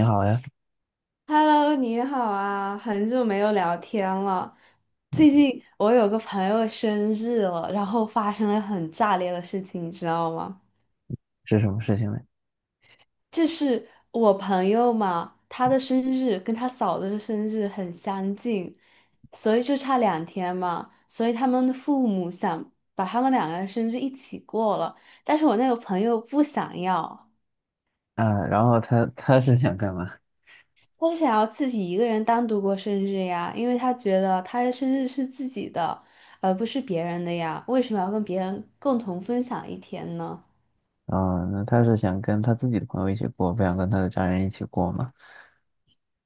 你好呀。Hello，你好啊，很久没有聊天了。最嗯。近我有个朋友生日了，然后发生了很炸裂的事情，你知道吗？是什么事情呢？就是我朋友嘛，他的生日跟他嫂子的生日很相近，所以就差2天嘛，所以他们的父母想把他们两个人生日一起过了，但是我那个朋友不想要。啊，然后他是想干嘛？他是想要自己一个人单独过生日呀，因为他觉得他的生日是自己的，而不是别人的呀，为什么要跟别人共同分享一天呢？啊，那他是想跟他自己的朋友一起过，不想跟他的家人一起过吗？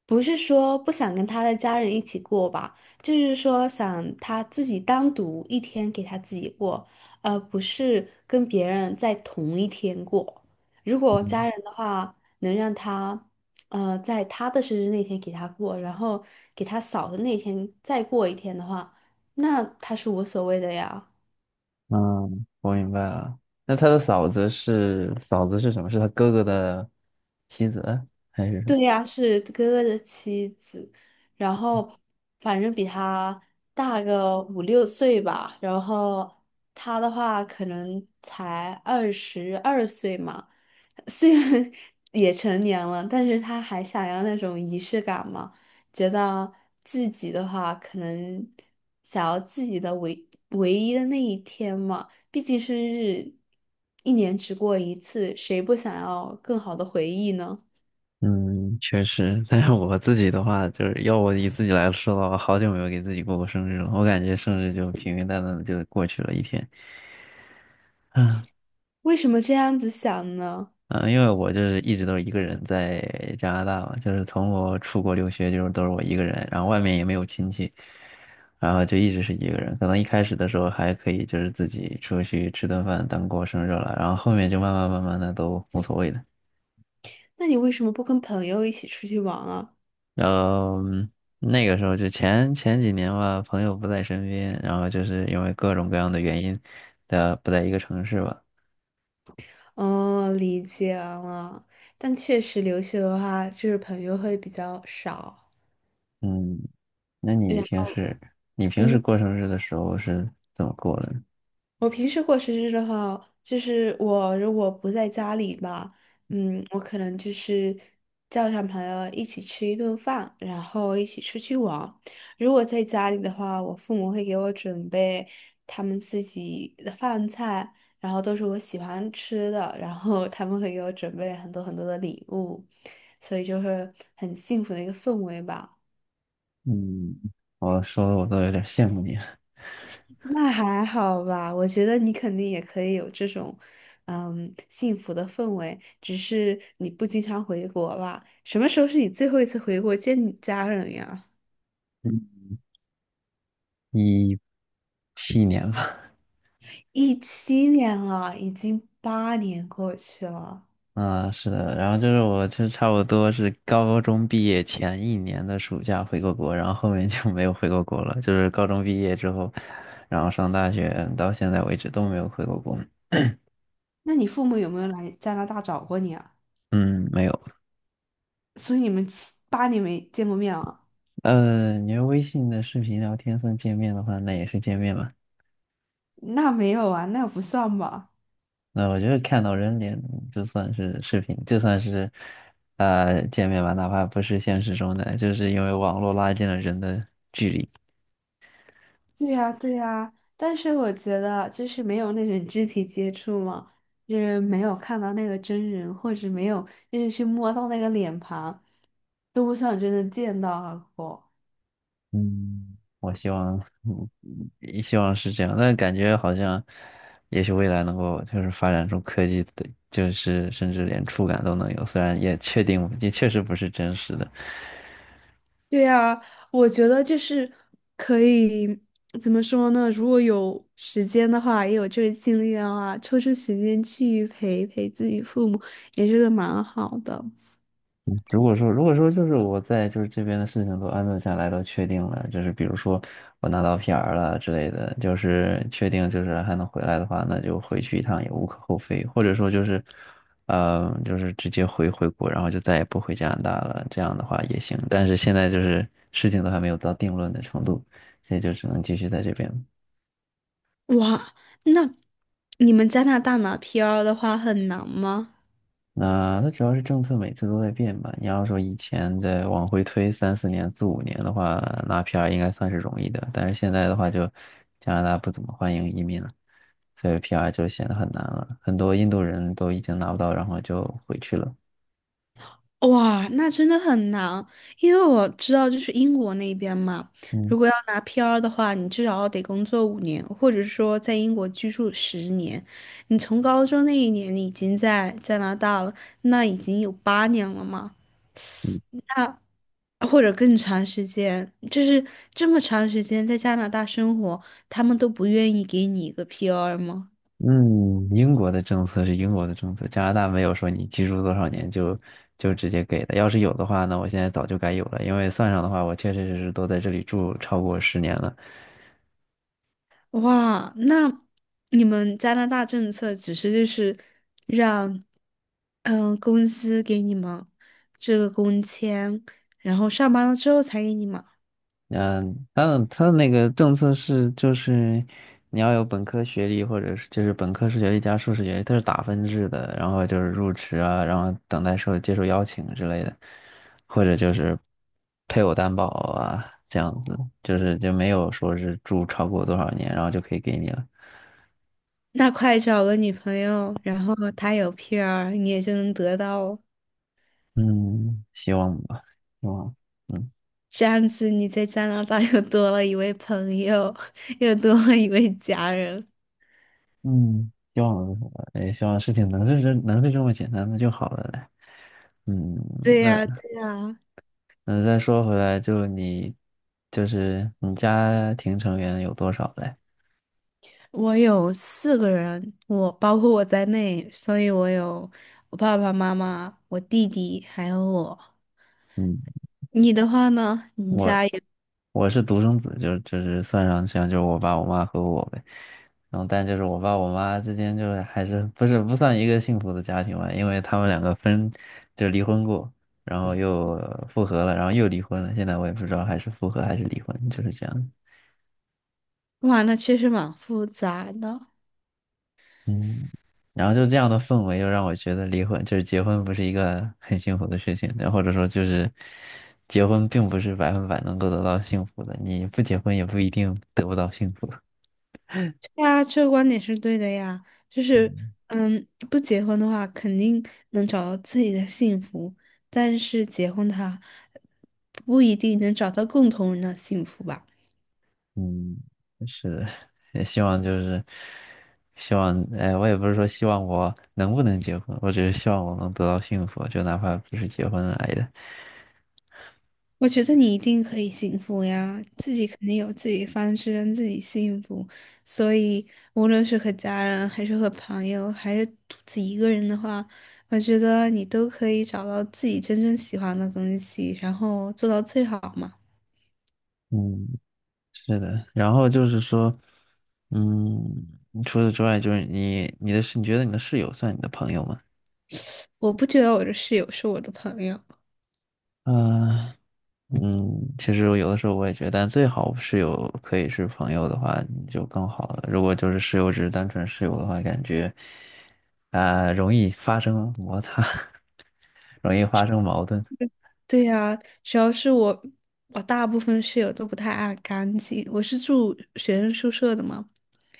不是说不想跟他的家人一起过吧，就是说想他自己单独一天给他自己过，而不是跟别人在同一天过。如果家嗯。人的话，能让他，在他的生日那天给他过，然后给他嫂的那天再过一天的话，那他是无所谓的呀。嗯我明白了。那他的嫂子是什么？是他哥哥的妻子还是什么？对呀，是哥哥的妻子，然后反正比他大个5、6岁吧，然后他的话可能才22岁嘛，虽然 也成年了，但是他还想要那种仪式感嘛，觉得自己的话可能想要自己的唯一的那一天嘛，毕竟生日一年只过一次，谁不想要更好的回忆呢？嗯，确实。但是我自己的话，就是要我以自己来说的话，好久没有给自己过过生日了。我感觉生日就平平淡淡的就过去了一天。为什么这样子想呢？嗯，因为我就是一直都是一个人在加拿大嘛，就是从我出国留学就是都是我一个人，然后外面也没有亲戚，然后就一直是一个人。可能一开始的时候还可以，就是自己出去吃顿饭当过生日了，然后后面就慢慢慢慢的都无所谓了。那你为什么不跟朋友一起出去玩啊？然后那个时候就前前几年吧，朋友不在身边，然后就是因为各种各样的原因，的不在一个城市吧。哦，理解了。但确实留学的话，就是朋友会比较少。嗯，那你嗯。平时你平时过生日的时候是怎么过的呢？我平时过生日的话，就是我如果不在家里吧，嗯，我可能就是叫上朋友一起吃一顿饭，然后一起出去玩。如果在家里的话，我父母会给我准备他们自己的饭菜，然后都是我喜欢吃的，然后他们会给我准备很多很多的礼物，所以就会很幸福的一个氛围吧。嗯，我说的我都有点羡慕你。那还好吧，我觉得你肯定也可以有这种，嗯，幸福的氛围，只是你不经常回国吧？什么时候是你最后一次回国见你家人呀？嗯，17年吧。17年了，已经八年过去了。啊，是的，然后就是我就差不多是高中毕业前一年的暑假回过国，然后后面就没有回过国了。就是高中毕业之后，然后上大学到现在为止都没有回过国。那你父母有没有来加拿大找过你啊？嗯，没有。所以你们7、8年没见过面啊？你要微信的视频聊天算见面的话，那也是见面吧。那没有啊，那不算吧。那我觉得看到人脸就算是视频，就算是见面吧，哪怕不是现实中的，就是因为网络拉近了人的。对呀，对呀，但是我觉得就是没有那种肢体接触嘛，就是没有看到那个真人，或者没有就是去摸到那个脸庞，都不想真的见到过。嗯，我希望，也希望是这样。但感觉好像，也许未来能够就是发展出科技的，就是甚至连触感都能有，虽然也确实不是真实的。对呀，我觉得就是可以怎么说呢？如果有时间的话，也有这个精力的话，抽出时间去陪陪自己父母，也是个蛮好的。如果说就是我在就是这边的事情都安顿下来都确定了，就是比如说我拿到 PR 了之类的，就是确定就是还能回来的话，那就回去一趟也无可厚非，或者说就是，就是直接回国，然后就再也不回加拿大了，这样的话也行。但是现在就是事情都还没有到定论的程度，所以就只能继续在这边。哇，那你们加拿大拿 PR 的话很难吗？那它主要是政策每次都在变吧。你要说以前再往回推三四年、四五年的话，拿 PR 应该算是容易的，但是现在的话就加拿大不怎么欢迎移民了，所以 PR 就显得很难了。很多印度人都已经拿不到，然后就回去了。哇，那真的很难，因为我知道就是英国那边嘛，嗯如果要拿 PR 的话，你至少得工作5年，或者说在英国居住10年。你从高中那一年你已经在加拿大了，那已经有八年了嘛，或者更长时间，就是这么长时间在加拿大生活，他们都不愿意给你一个 PR 吗？嗯，英国的政策是英国的政策，加拿大没有说你居住多少年就直接给的。要是有的话呢，我现在早就该有了，因为算上的话，我确确实实都在这里住超过10年了。哇，那你们加拿大政策只是就是让，嗯、公司给你们这个工签，然后上班了之后才给你们。嗯，他的那个政策是，就是你要有本科学历，或者是就是本科学历加硕士学历，它是打分制的，然后就是入职啊，然后等待接受邀请之类的，或者就是配偶担保啊，这样子，就是就没有说是住超过多少年，然后就可以给你了。那快找个女朋友，然后她有 PR，你也就能得到哦。嗯，希望吧，希望。嗯这样子你在加拿大又多了一位朋友，又多了一位家人。嗯，希望吧，也希望事情能是这么简单的就好了嘞。嗯。对那。呀，对呀。那再说回来，就是你家庭成员有多少嘞？我有4个人，我包括我在内，所以我有我爸爸妈妈、我弟弟还有我。嗯，你的话呢？你我家也，我是独生子，就是算上像就是我爸我妈和我呗。然后但就是我爸我妈之间就是还是不算一个幸福的家庭吧，因为他们两个就离婚过，然后又复合了，然后又离婚了。现在我也不知道还是复合还是离婚，就是这样。哇，那确实蛮复杂的。嗯，然后就这样的氛围，又让我觉得离婚就是结婚不是一个很幸福的事情，然后或者说就是结婚并不是百分百能够得到幸福的，你不结婚也不一定得不到幸福。对啊，这个观点是对的呀。就是，嗯嗯，不结婚的话，肯定能找到自己的幸福，但是结婚的话，不一定能找到共同人的幸福吧。嗯，是，也希望就是希望，哎，我也不是说希望我能不能结婚，我只是希望我能得到幸福，就哪怕不是结婚来的。我觉得你一定可以幸福呀，自己肯定有自己的方式让自己幸福，所以无论是和家人，还是和朋友，还是独自一个人的话，我觉得你都可以找到自己真正喜欢的东西，然后做到最好嘛。嗯，是的，然后就是说，嗯，除此之外，就是你觉得你的室友算你的朋友吗？我不觉得我的室友是我的朋友，嗯嗯，其实我有的时候我也觉得，但最好室友可以是朋友的话，你就更好了。如果就是室友只是单纯室友的话，感觉啊，容易发生摩擦，容易发生矛盾。对呀，主要是我大部分室友都不太爱干净，我是住学生宿舍的嘛，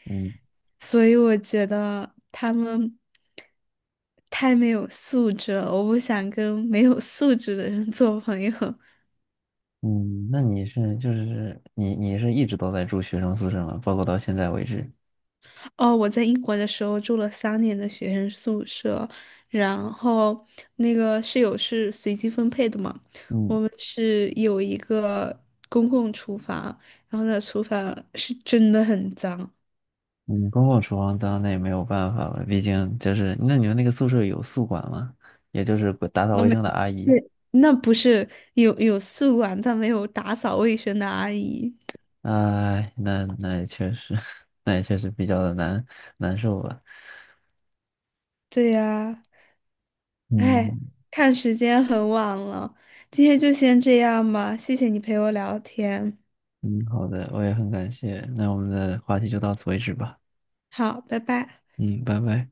嗯所以我觉得他们太没有素质了，我不想跟没有素质的人 做朋友。嗯，那你是就是你你是一直都在住学生宿舍吗？包括到现在为止？哦，我在英国的时候住了3年的学生宿舍，然后那个室友是随机分配的嘛，嗯。我们是有一个公共厨房，然后那厨房是真的很脏。嗯，公共厨房当然那也没有办法了，毕竟就是那你们那个宿舍有宿管吗？也就是管打扫我卫每生的阿姨。对。那不是，有宿管，但没有打扫卫生的阿姨。哎，那也确实，那也确实比较的难受吧。对呀，哎，嗯看时间很晚了，今天就先这样吧，谢谢你陪我聊天，嗯，好的，我也很感谢。那我们的话题就到此为止吧。好，拜拜。嗯，拜拜。